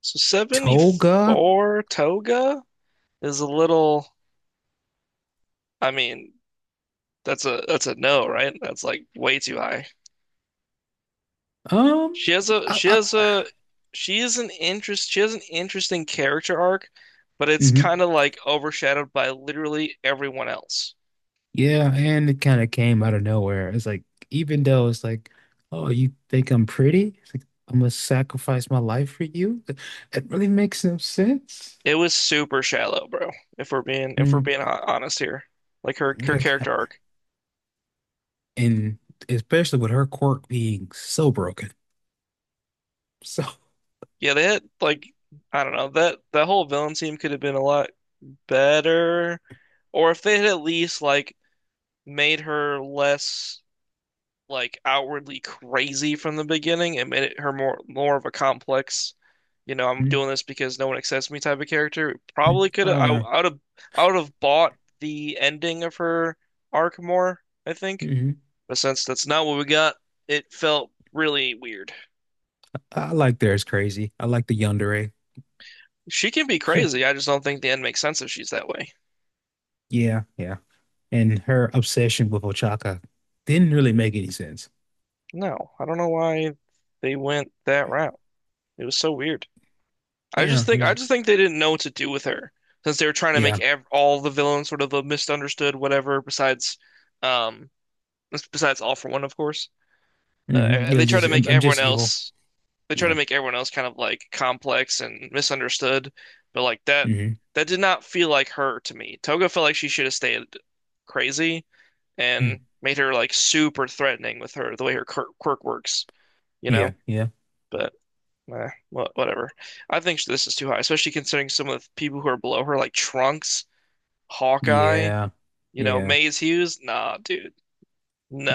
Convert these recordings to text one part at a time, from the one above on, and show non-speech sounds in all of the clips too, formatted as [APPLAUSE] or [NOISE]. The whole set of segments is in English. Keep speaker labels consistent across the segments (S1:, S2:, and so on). S1: So
S2: Toga?
S1: 74 Toga is a little, I mean, that's a no, right? That's like way too high.
S2: Um, I,
S1: She has
S2: I,
S1: a she has an interesting character arc, but it's
S2: hmm,
S1: kind of like overshadowed by literally everyone else.
S2: yeah, and it kind of came out of nowhere. It's like, even though it's like, oh, you think I'm pretty? It's like, I'm gonna sacrifice my life for you? It really makes no sense.
S1: It was super shallow, bro, if we're
S2: Mm,
S1: being honest here. Like her
S2: yeah, like,
S1: character arc.
S2: and especially with her quirk being so broken. [LAUGHS] So,
S1: Yeah, they had like I don't know, that whole villain team could have been a lot better. Or if they had at least like made her less like outwardly crazy from the beginning. It made it her more of a complex, you know, I'm doing
S2: mm,
S1: this because no one accepts me type of character. It
S2: mm,
S1: probably could have
S2: oh
S1: I
S2: yeah.
S1: I would have I would have bought the ending of her arc more, I think.
S2: Hmm.
S1: But since that's not what we got, it felt really weird.
S2: I like theirs crazy. I like the yandere.
S1: She can be crazy. I just don't think the end makes sense if she's that way.
S2: Yeah, yeah. And her obsession with Ochaka didn't really make any sense.
S1: No, I don't know why they went that route. It was so weird.
S2: Yeah, it
S1: I
S2: was.
S1: just think they didn't know what to do with her since they were trying to make
S2: Yeah.
S1: ev all the villains sort of a misunderstood whatever besides um besides All for One of course.
S2: Hmm.
S1: Uh,
S2: Yeah,
S1: they try to
S2: just I'm,
S1: make
S2: I'm
S1: everyone
S2: just evil.
S1: else they try to
S2: Yeah.
S1: make everyone else kind of like complex and misunderstood, but like that
S2: Mm-hmm.
S1: that did not feel like her to me. Toga felt like she should have stayed crazy and
S2: Hmm.
S1: made her like super threatening with her the way her quirk works, you know?
S2: Yeah, yeah.
S1: But whatever. I think this is too high, especially considering some of the people who are below her, like Trunks, Hawkeye,
S2: Yeah.
S1: you know,
S2: Yeah.
S1: Maze Hughes. Nah, dude.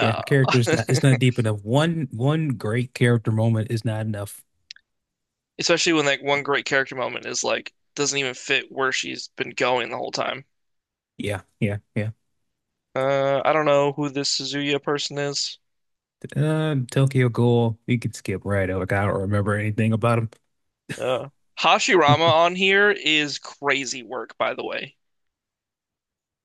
S2: Yeah. Character's not, it's not deep enough. One great character moment is not enough.
S1: [LAUGHS] Especially when like one great character moment is like doesn't even fit where she's been going the whole time.
S2: Yeah, yeah, yeah.
S1: I don't know who this Suzuya person is.
S2: Tokyo Ghoul, you could skip right over. I don't remember anything about him.
S1: Uh, Hashirama on here is crazy work, by the way.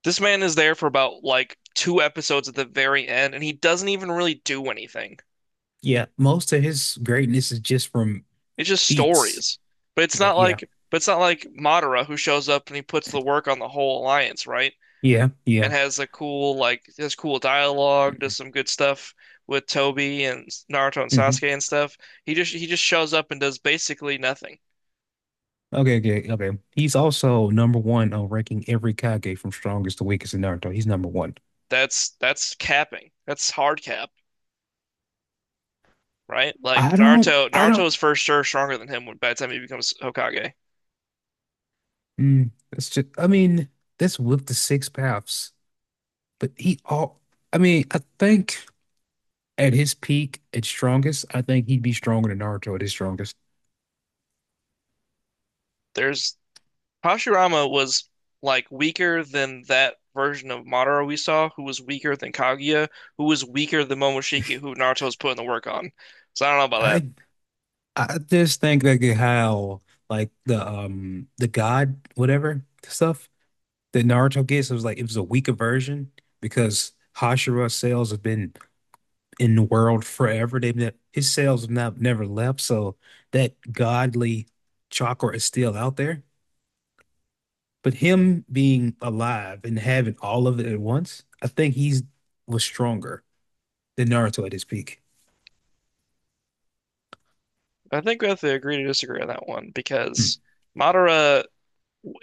S1: This man is there for about like two episodes at the very end, and he doesn't even really do anything.
S2: Yeah, most of his greatness is just from
S1: It's just
S2: feats.
S1: stories. But it's
S2: Yeah,
S1: not
S2: yeah,
S1: like but it's not like Madara who shows up and he puts the work on the whole alliance, right?
S2: yeah,
S1: And
S2: yeah.
S1: has a cool like has cool dialogue, does some good stuff with Tobi and Naruto and
S2: Hmm.
S1: Sasuke and stuff. He just shows up and does basically nothing.
S2: Okay, okay, okay. He's also number one on ranking every Kage from strongest to weakest in Naruto. He's number one.
S1: That's capping. That's hard cap, right? Like
S2: I don't,
S1: Naruto
S2: I
S1: Naruto
S2: don't.
S1: is for sure stronger than him when by the time he becomes Hokage.
S2: That's just, I mean, that's with the six paths. But he all, I mean, I think at his peak, at strongest, I think he'd be stronger than Naruto at his strongest.
S1: There's Hashirama was like weaker than that version of Madara we saw, who was weaker than Kaguya, who was weaker than Momoshiki, who Naruto's putting the work on. So I don't know about
S2: I I just think, like, how like the God whatever stuff that Naruto gets, it was a weaker version because Hashira cells have been in the world forever. They've ne His cells have not never left, so that godly chakra is still out there. But him being alive and having all of it at once, I think he's was stronger than Naruto at his peak.
S1: that. I think we have to agree to disagree on that one
S2: Mm.
S1: because Madara,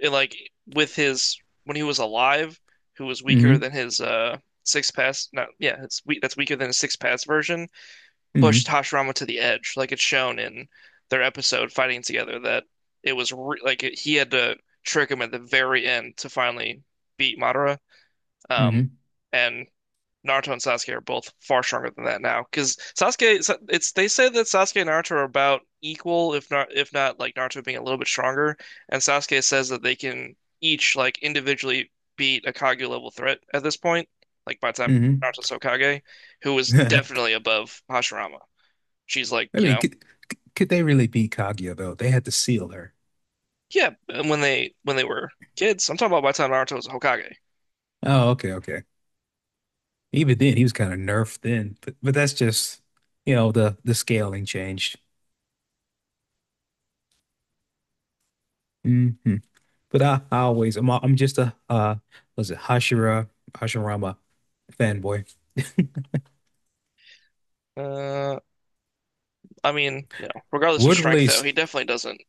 S1: like with his when he was alive, who was weaker
S2: Mm-hmm.
S1: than his six pass, not yeah, it's we that's weaker than his six pass version
S2: Mm-hmm.
S1: pushed Hashirama to the edge. Like it's shown in their episode fighting together that it was re like it, he had to trick him at the very end to finally beat Madara. Um,
S2: Mm-hmm.
S1: and Naruto and Sasuke are both far stronger than that now because Sasuke, it's they say that Sasuke and Naruto are about equal, if not like Naruto being a little bit stronger, and Sasuke says that they can each like individually beat a Kage level threat at this point, like by the time Naruto's Hokage, who was
S2: Mm-hmm.
S1: definitely above Hashirama she's like,
S2: [LAUGHS] I
S1: you
S2: mean,
S1: know,
S2: could they really beat Kaguya though? They had to seal her.
S1: yeah, and when they were kids, I'm talking about by the time Naruto was a Hokage.
S2: Oh, okay, okay. Even then, he was kind of nerfed then, but that's just, the scaling changed. Hmm. But I always I'm just a was it Hashirama fanboy.
S1: Uh, I mean, you know, regardless of
S2: Would
S1: strength, though,
S2: release
S1: he definitely doesn't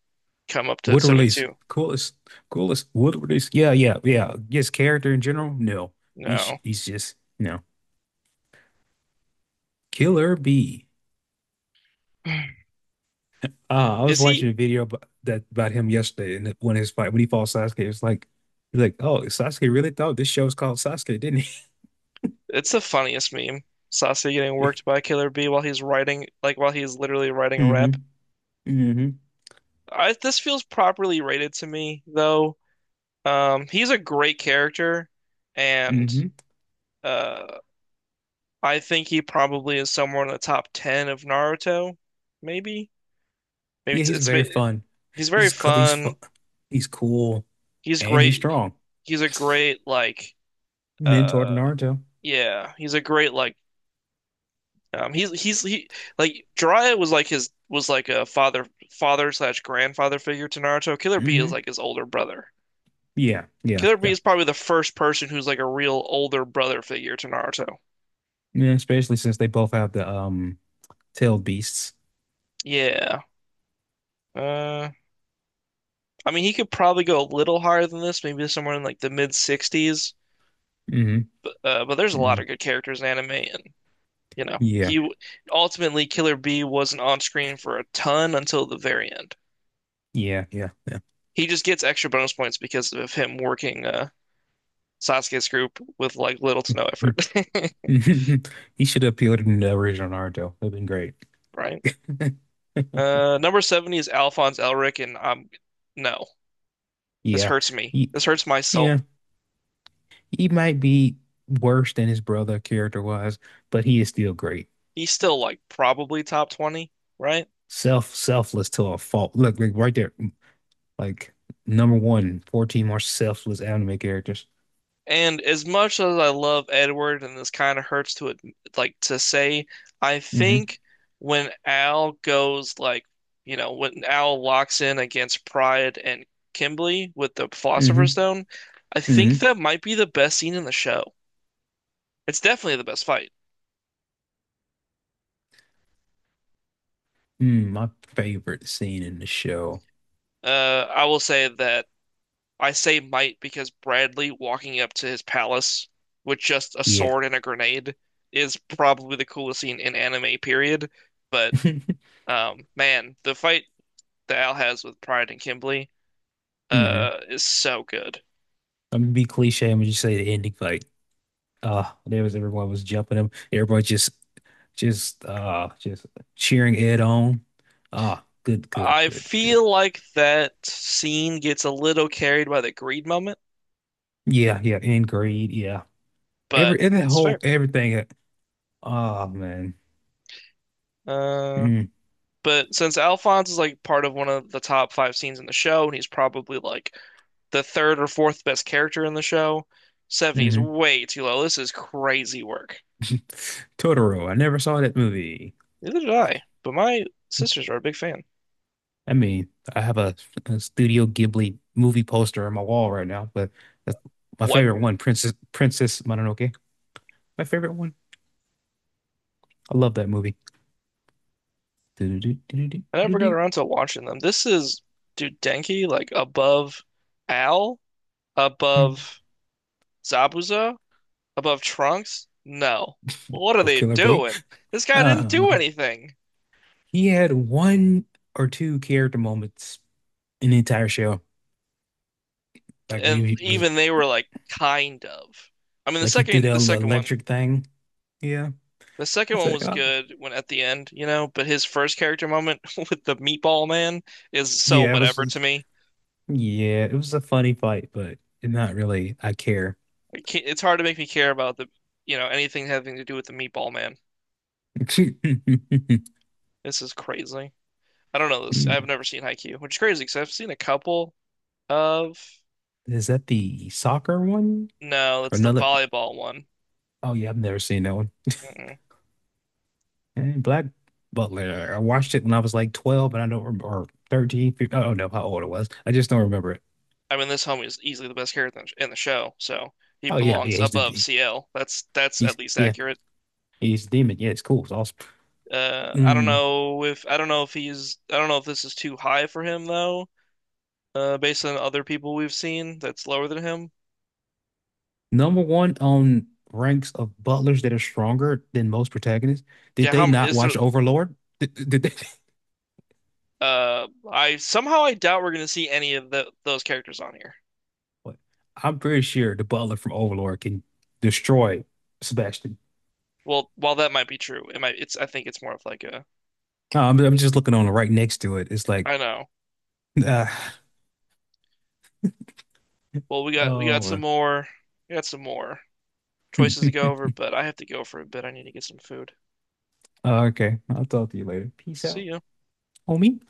S1: come up to
S2: Wood release.
S1: 72.
S2: Coolest wood release. Yeah, yeah, yeah. Just character in general? No. He's
S1: No.
S2: he's just no. Killer B.
S1: [SIGHS]
S2: I was
S1: Is he?
S2: watching a video about him yesterday, and when his fight when he fought Sasuke, it's like he's like, oh, Sasuke really thought this show was called Sasuke, didn't he?
S1: It's the funniest meme. Sasuke getting worked
S2: [LAUGHS]
S1: by Killer B while he's writing, like while he's literally writing a
S2: Mm-hmm.
S1: rap.
S2: Mm-hmm.
S1: I, this feels properly rated to me, though. He's a great character, and
S2: Mm-hmm.
S1: uh, I think he probably is somewhere in the top 10 of Naruto, maybe. Maybe
S2: Yeah,
S1: it's,
S2: he's
S1: it's ma-
S2: very fun.
S1: He's very
S2: He's
S1: fun.
S2: fun. He's cool
S1: He's
S2: and he's
S1: great.
S2: strong.
S1: He's a great like uh
S2: Mentor to Naruto.
S1: yeah, he's a great like he's he like Jiraiya was like his was like a father slash grandfather figure to Naruto. Killer B is
S2: Mm-hmm.
S1: like his older brother.
S2: Yeah, yeah,
S1: Killer B
S2: yeah.
S1: is probably the first person who's like a real older brother figure to Naruto.
S2: Yeah, especially since they both have the Tailed beasts.
S1: Yeah. Uh I mean he could probably go a little higher than this, maybe somewhere in like the mid 60s.
S2: Hmm.
S1: But there's a lot
S2: Hmm.
S1: of good characters in anime and you know,
S2: Yeah.
S1: he ultimately Killer B wasn't on screen for a ton until the very end.
S2: Yeah. Yeah.
S1: He just gets extra bonus points because of him working Sasuke's group with like little to no effort,
S2: [LAUGHS] He should have appealed to the original Naruto. That'd been great.
S1: [LAUGHS] right?
S2: [LAUGHS]
S1: Number 70 is Alphonse Elric, and I'm no, this
S2: Yeah.
S1: hurts me.
S2: He,
S1: This hurts my
S2: yeah.
S1: soul.
S2: He might be worse than his brother character was, but he is still great.
S1: He's still like probably top 20, right?
S2: Selfless to a fault. Look, like right there. Like, number one, fourteen 14 more selfless anime characters.
S1: And as much as I love Edward, and this kind of hurts to it, like to say, I
S2: Hmm.
S1: think when Al goes like, you know, when Al locks in against Pride and Kimberly with the Philosopher's
S2: Hmm.
S1: Stone, I think
S2: Hmm.
S1: that might be the best scene in the show. It's definitely the best fight.
S2: My favorite scene in the show.
S1: Uh, I will say that I say might because Bradley walking up to his palace with just a
S2: Yeah.
S1: sword and a grenade is probably the coolest scene in anime, period. But
S2: [LAUGHS] Hmm.
S1: Man, the fight that Al has with Pride and Kimberly, is so good.
S2: I'm gonna be cliche. I'm gonna just say the ending fight. There was Everyone was jumping him. Everybody just cheering Ed on. Ah, good, good,
S1: I
S2: good, good.
S1: feel like that scene gets a little carried by the greed moment,
S2: Yeah, yeah, in grade, yeah.
S1: but
S2: Every and that
S1: it's fair.
S2: whole everything. Oh man.
S1: Uh,
S2: Mm.
S1: but since Alphonse is like part of one of the top five scenes in the show, and he's probably like the third or fourth best character in the show, 70 is
S2: Hmm.
S1: way too low. This is crazy work.
S2: [LAUGHS] Totoro. I never saw that movie.
S1: Neither did I, but my sisters are a big fan.
S2: I mean, I have a Studio Ghibli movie poster on my wall right now, but that's my
S1: What?
S2: favorite one, Princess Mononoke. My favorite one. I love that movie.
S1: I never
S2: Do-do-do-do-do-do-do-do.
S1: got around to watching them. This is, dude, Denki, like above Al, above Zabuza, above Trunks? No. What are
S2: Of
S1: they
S2: Killer Bee.
S1: doing? This guy didn't do
S2: Uh,
S1: anything.
S2: he had one or two character moments in the entire show. Like, when
S1: And
S2: he was
S1: even they were like kind of. I mean
S2: like he threw that
S1: the second one.
S2: electric thing. Yeah,
S1: The second
S2: it's
S1: one
S2: like,
S1: was
S2: oh,
S1: good when at the end, you know, but his first character moment [LAUGHS] with the meatball man is so
S2: yeah, it was
S1: whatever to me.
S2: yeah, it was a funny fight, but not really. I care.
S1: I can't, it's hard to make me care about the, you know, anything having to do with the meatball man.
S2: [LAUGHS] Is
S1: This is crazy. I don't know this. I've never seen Haikyuu, which is crazy because I've seen a couple of.
S2: that the soccer one
S1: No,
S2: or
S1: it's the
S2: another?
S1: volleyball one.
S2: Oh yeah, I've never seen that one.
S1: Mm-mm.
S2: And Black Butler. I watched it when I was like 12, and I don't remember, or 13. 15, I don't know how old it was. I just don't remember it.
S1: I mean, this homie is easily the best character in the show, so he
S2: Oh yeah,
S1: belongs
S2: yeah, he's the
S1: above
S2: D.
S1: CL. That's
S2: He's,
S1: at least
S2: yeah.
S1: accurate.
S2: He's demon. Yeah, it's cool. It's awesome. Mm,
S1: I don't know if this is too high for him though. Based on other people we've seen, that's lower than him.
S2: Number one on ranks of butlers that are stronger than most protagonists. Did
S1: Yeah,
S2: they not
S1: is there?
S2: watch Overlord? Did they? [LAUGHS]
S1: I somehow I doubt we're gonna see any of the those characters on here.
S2: What? I'm pretty sure the butler from Overlord can destroy Sebastian.
S1: Well, while that might be true, it might. It's I think it's more of like a
S2: I'm just looking on it right next to it. It's like,
S1: I know.
S2: ah,
S1: Well, we got
S2: oh,
S1: some
S2: well.
S1: more we got some more choices to go
S2: [LAUGHS]
S1: over, but I have to go for a bit. I need to get some food.
S2: Okay. I'll talk to you later. Peace
S1: See
S2: out,
S1: ya.
S2: homie.